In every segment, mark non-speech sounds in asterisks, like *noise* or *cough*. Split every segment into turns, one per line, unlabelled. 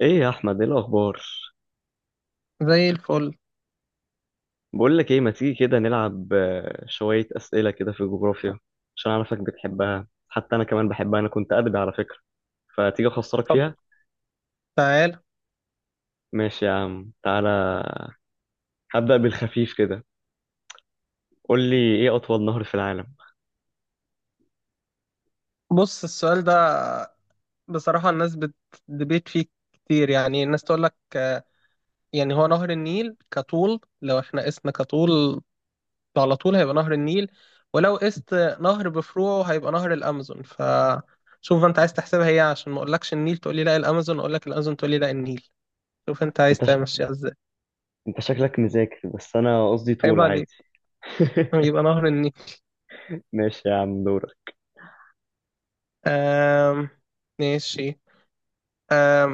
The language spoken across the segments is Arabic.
ايه يا احمد، ايه الاخبار؟
زي الفل.
بقول لك ايه، ما تيجي كده نلعب شويه اسئله كده في الجغرافيا عشان اعرفك بتحبها، حتى انا كمان بحبها. انا كنت ادبي على فكره، فتيجي اخسرك
طب،
فيها.
تعال.
ماشي يا عم تعالى. هبدا بالخفيف كده. قول لي ايه اطول نهر في العالم؟
بص السؤال ده، بصراحة الناس بتدبيت فيه كتير، يعني الناس تقول لك يعني هو نهر النيل كطول، لو احنا قسنا كطول على طول هيبقى نهر النيل، ولو قست نهر بفروعه هيبقى نهر الأمازون. فشوف انت عايز تحسبها ايه، عشان ما اقولكش النيل تقول لي لا الأمازون، اقول لك الأمازون تقول لي لا النيل. شوف انت عايز
انت ش...
تمشيها ازاي.
انت شكلك مذاكر بس انا قصدي
عيب
طول
عليك.
عادي. *laughs*
يبقى نهر النيل.
ماشي يا عم، دورك.
آم، ماشي. آم،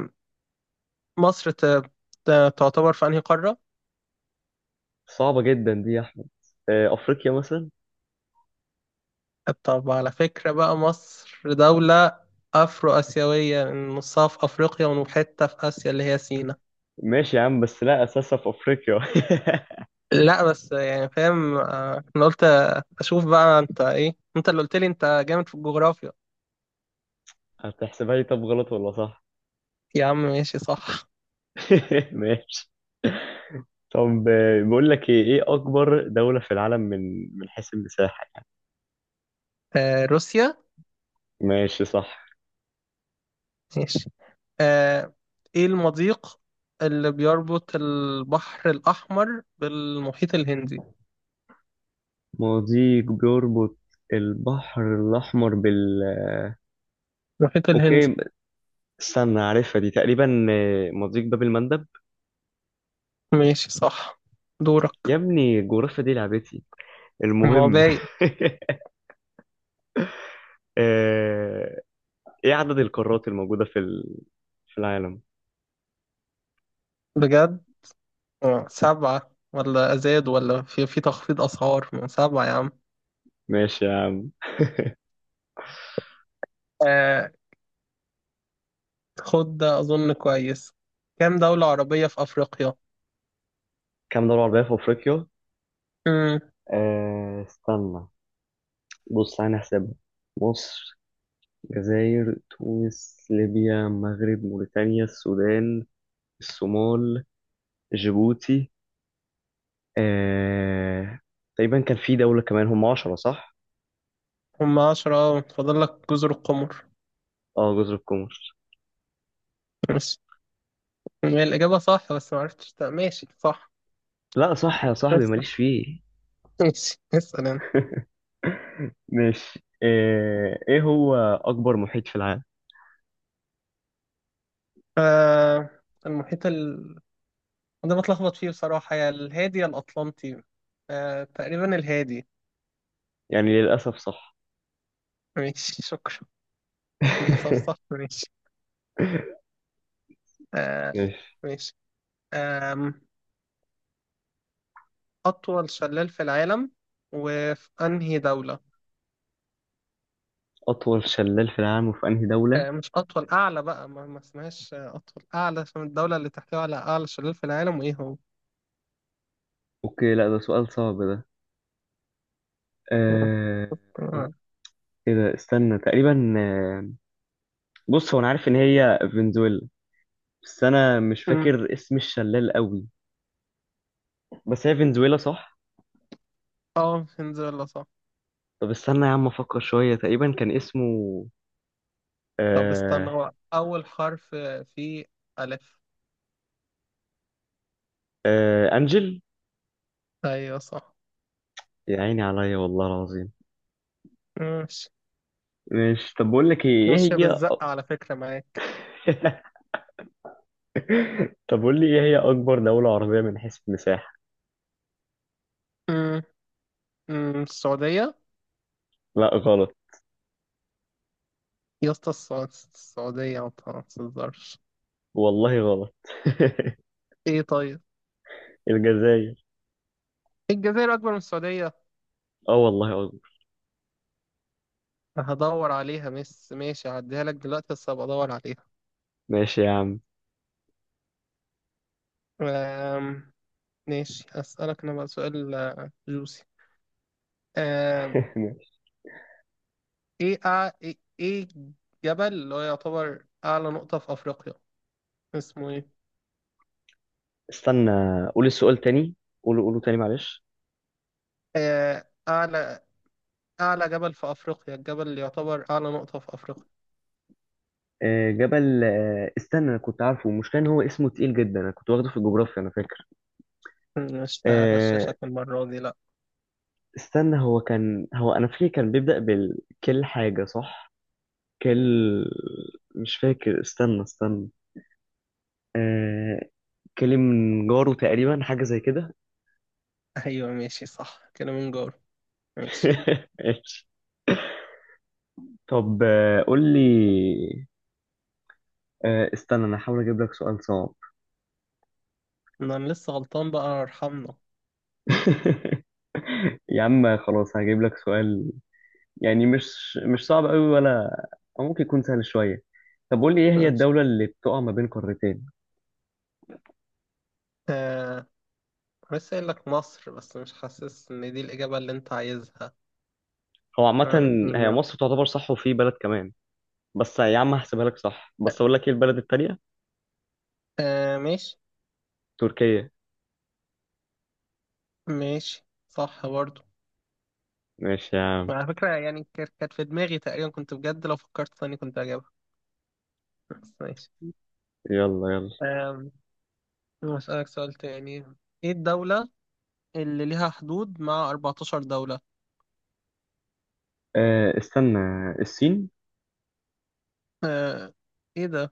مصر تعتبر في انهي قارة؟
صعبه جدا دي يا احمد. افريقيا مثلا.
طب على فكرة بقى، مصر دولة أفرو آسيوية، نصها في أفريقيا وحتة في آسيا اللي هي سينا.
ماشي يا عم، بس لا اساسها في افريقيا.
لا بس يعني فاهم، أنا قلت أشوف بقى أنت إيه، أنت اللي قلت لي أنت جامد في الجغرافيا.
*laughs* هتحسبها لي؟ طب غلط ولا صح؟
يا عم ماشي صح.
*laughs* ماشي. طب بقول لك ايه اكبر دولة في العالم من من حيث المساحة؟
روسيا.
ماشي صح.
ماشي. آه، إيه المضيق اللي بيربط البحر الأحمر بالمحيط الهندي؟
مضيق بيربط البحر الأحمر بال
المحيط الهندي.
أوكي، استنى، عارفها دي تقريبا، مضيق باب المندب.
ماشي صح.
يا
دورك.
ابني الجغرافيا دي لعبتي.
ما هو
المهم
باين.
*laughs* آه، إيه عدد القارات الموجودة في في العالم؟
بجد؟ سبعة، ولا زاد ولا في تخفيض أسعار من سبعة يا عم.
ماشي يا عم.
آه خد ده أظن كويس. كام دولة عربية في أفريقيا؟
كام دولة عربية في أفريقيا؟
مم.
استنى، بص أنا هحسبها. مصر، الجزائر، تونس، ليبيا، المغرب، موريتانيا، السودان، الصومال، جيبوتي، آه... تقريبا كان في دولة كمان، هم عشرة صح؟
هم 10، فاضل لك جزر القمر
اه جزر القمر.
بس. هي الإجابة صح، بس معرفتش ماشي صح.
لا صح يا صاحبي،
اسأل. *laughs*
ماليش فيه.
ماشي، اسأل أنت.
*laughs* ماشي ايه هو أكبر محيط في العالم؟
آه المحيط ال ده بتلخبط فيه بصراحة، يا الهادي يا الأطلنطي. تقريبا الهادي.
يعني للأسف صح.
ماشي، شكرا. للأسف
*laughs*
صح. ماشي. آه
ماشي.
ماشي. آه أطول شلال في العالم وفي أنهي دولة؟
أطول شلال في العالم وفي أنهي دولة؟
مش أطول، أعلى بقى، ما اسمهاش أطول، أعلى، عشان الدولة اللي تحتوي على أعلى شلال في العالم وإيه هو؟
اوكي لا ده سؤال صعب ده. آه...
*laughs*
ايه ده، استنى تقريبا، بص هو انا عارف ان هي فنزويلا، بس انا مش
مم.
فاكر اسم الشلال قوي. بس هي فنزويلا صح.
اه، فنزويلا صح.
طب استنى يا عم افكر شويه، تقريبا كان اسمه
طب استنى،
آه
هو أول حرف فيه ألف.
آه انجل.
أيوه صح.
يا عيني عليا والله العظيم.
ماشي.
مش طب بقول لك ايه، ايه
ماشية
هي؟
بالزقة على فكرة معاك.
*laughs* طب قول لي ايه هي اكبر دوله عربيه من حيث المساحه؟
مم. مم. السعودية.
لا غلط.
يا اسطى، السعودية ما تهزرش.
والله غلط. *laughs*
إيه طيب؟
الجزائر.
الجزائر أكبر من السعودية؟
اه والله اكبر.
هدور عليها. ماشي، هعديها لك دلوقتي بس هبقى ادور عليها.
ماشي يا عم.
أم... ماشي. اسألك انا بقى سؤال جوسي. أم...
*laughs* ماشي.
ايه أع... ايه إيه جبل اللي هو يعتبر اعلى نقطة في افريقيا اسمه ايه؟
استنى، قول السؤال تاني. قوله تاني معلش.
اعلى، اعلى جبل في افريقيا، الجبل اللي يعتبر اعلى نقطة في افريقيا.
جبل استنى، انا كنت عارفه، المشكله ان هو اسمه تقيل جدا، انا كنت واخده في الجغرافيا انا فاكر.
مش
آه،
هغششك المرة دي لا.
استنى هو كان، هو انا فاكر كان بيبدا بالكل حاجه صح. كل، مش فاكر، استنى استنى، آه، كلم جاره تقريبا، حاجه زي كده.
*laughs* ايوه ماشي صح كده، من جور. ماشي.
*laughs* ماشي. طب قول لي، استنى انا هحاول اجيب لك سؤال صعب.
إن انا لسه غلطان بقى ارحمنا.
*laughs* يا عم خلاص هجيب لك سؤال، يعني مش صعب قوي ولا، أو ممكن يكون سهل شوية. طب قول لي إيه هي
ماشي.
الدولة اللي بتقع ما بين قارتين؟
آه، بس قايل لك مصر، بس مش حاسس ان دي الإجابة اللي انت عايزها.
هو عامة هي
نيميا.
مصر تعتبر صح وفي بلد كمان، بس يا عم هحسبها لك صح، بس أقول لك إيه البلد التانية.
ماشي.
تركيا.
ماشي صح برضو.
ماشي يا عم.
على فكرة يعني، كانت في دماغي تقريبا، كنت بجد لو فكرت ثاني كنت هجيبها، بس ماشي.
يلا يلا.
آم، هسألك سؤال تاني. ايه الدولة اللي ليها حدود مع 14 دولة؟
أه استنى، الصين.
آه ايه ده؟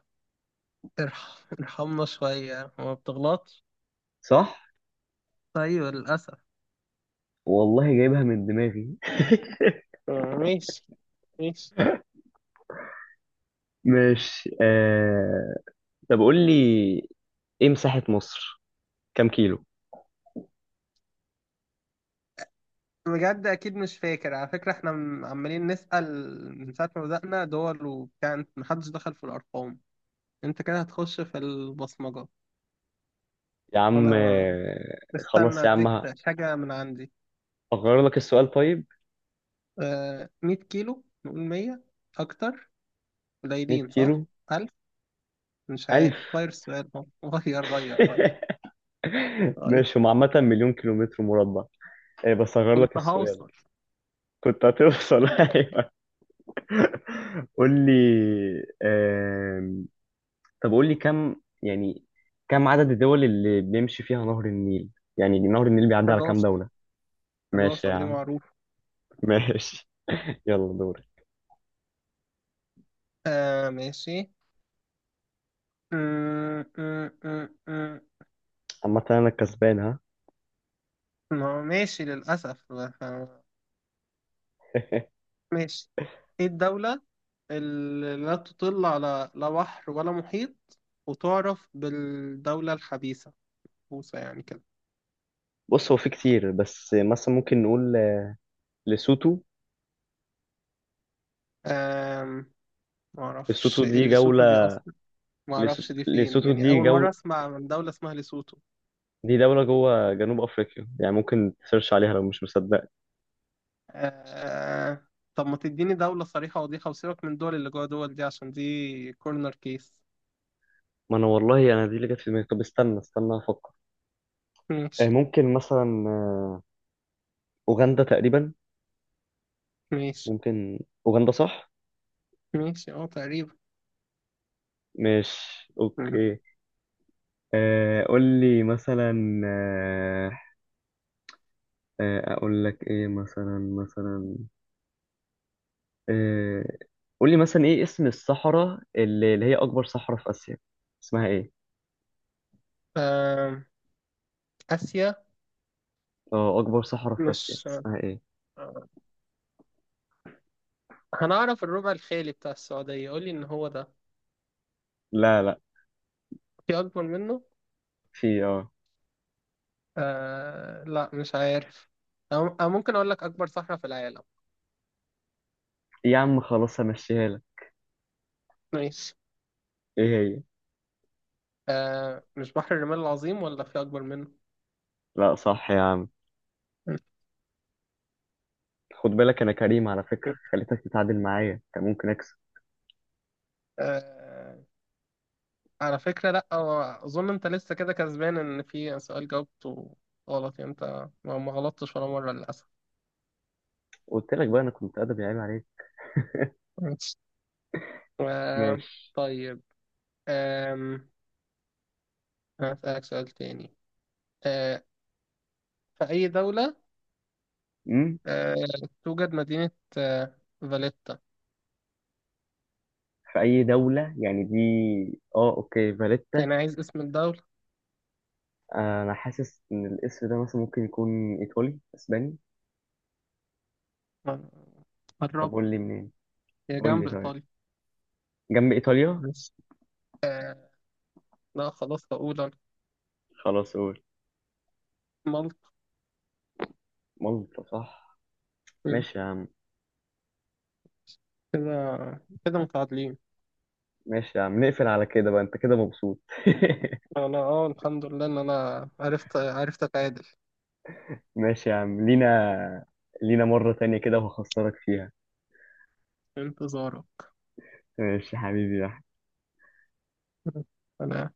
ارحمنا شوية، ما بتغلطش؟
صح،
ايوه للأسف.
والله جايبها من دماغي.
ماشي، ماشي.
*laughs* ماشي طب قول لي ايه مساحة مصر؟ كام كيلو؟
بجد اكيد مش فاكر، على فكره احنا عمالين نسال من ساعه ما بدانا دول وبتاع، محدش دخل في الارقام. انت كده هتخش في البصمجه.
يا عم
انا ما- استنى
خلاص يا
اديك
عم
حاجه من عندي.
هغير لك السؤال طيب.
100 كيلو. نقول 100 اكتر،
100
قليلين صح.
كيلو.
1000. مش
ألف.
عارف، غير السؤال ده. غير غير غير
*laughs*
غير.
ماشي، هم عامة مليون كيلومتر مربع. إيه بس هغير لك
كنت
السؤال.
هوصل.
كنت هتوصل. *laughs* أيوة قول لي. آم، طب قول لي كم، يعني كم عدد الدول اللي بيمشي فيها نهر النيل؟ يعني نهر النيل بيعدي على كام
11.
دولة؟ ماشي
11
يا
دي
عم.
معروفه.
ماشي *laughs* يلا دوري.
ماشي. م- م- م- م.
عامة أنا الكسبان، ها.
ما هو ماشي للأسف.
*laughs*
ماشي. ايه الدولة اللي لا تطل على لا بحر ولا محيط، وتعرف بالدولة الخبيثة، بوسة يعني كده.
بص هو في كتير، بس مثلا ممكن نقول لسوتو.
أم...
لسوتو
معرفش إيه
دي
ليسوتو دي
جولة.
أصلا. معرفش دي فين،
لسوتو
يعني
دي
أول
جولة،
مرة أسمع عن دولة اسمها ليسوتو.
دي دولة جوه جنوب أفريقيا، يعني ممكن تسيرش عليها لو مش مصدق.
أه... طب ما تديني دولة صريحة وضيحة وسيبك من الدول اللي جوه دول دي، عشان دي كورنر كيس.
ما أنا والله أنا دي اللي جت في دماغي. طب استنى استنى أفكر.
ماشي.
ممكن مثلا أوغندا تقريبا.
ماشي.
ممكن. أوغندا صح؟
ماشي، اه تقريبا.
مش، أوكي. قول لي مثلا، آه، أقول لك إيه مثلا، آه، قول لي مثلا إيه اسم الصحراء اللي هي أكبر صحراء في آسيا، اسمها إيه؟
أم... آسيا.
أه أكبر صحراء في آسيا
مش،
اسمها إيه؟
آه، هنعرف الربع الخالي بتاع السعودية، قولي إن هو ده.
لا،
في أكبر منه؟
في أه،
لا مش عارف. أو ممكن أقول لك أكبر صحراء في العالم.
إيه يا عم خلاص همشيها لك.
ماشي.
إيه هي؟
مش بحر الرمال العظيم؟ ولا في أكبر منه؟
لا صح يا عم. خد بالك انا كريم على فكرة، خليتك تتعادل معايا، كان ممكن اكسب.
آه على فكرة لا، هو أظن أنت لسه كده كسبان، إن في سؤال جاوبته غلط. يعني أنت ما غلطتش ولا مرة للأسف.
قلت لك بقى، انا كنت ادبي، عيب عليك.
ماشي. آه
ماشي.
طيب. آم، هسألك سؤال تاني. آه في أي دولة
امم
آه، توجد مدينة فاليتا؟
في اي دولة يعني دي؟ اه اوكي، فاليتا.
أنا عايز اسم الدولة.
انا حاسس ان الاسم ده مثلا ممكن يكون ايطالي، اسباني.
آه،
طب
قربت.
قول لي منين.
هي
قول لي
جنب
طيب،
إيطاليا،
جنب ايطاليا.
بس لا خلاص هقول أنا.
خلاص قول.
مالطا.
مالطا صح.
مم.
ماشي يا عم.
كده كده متعادلين.
ماشي يا عم، نقفل على كده بقى، انت كده مبسوط.
أنا الحمد لله إن أنا عرفت أتعادل.
*laughs* ماشي يا عم، لينا. لينا مرة تانية كده وهخسرك فيها.
انتظاره.
ماشي يا حبيبي يا أحمد.
أنا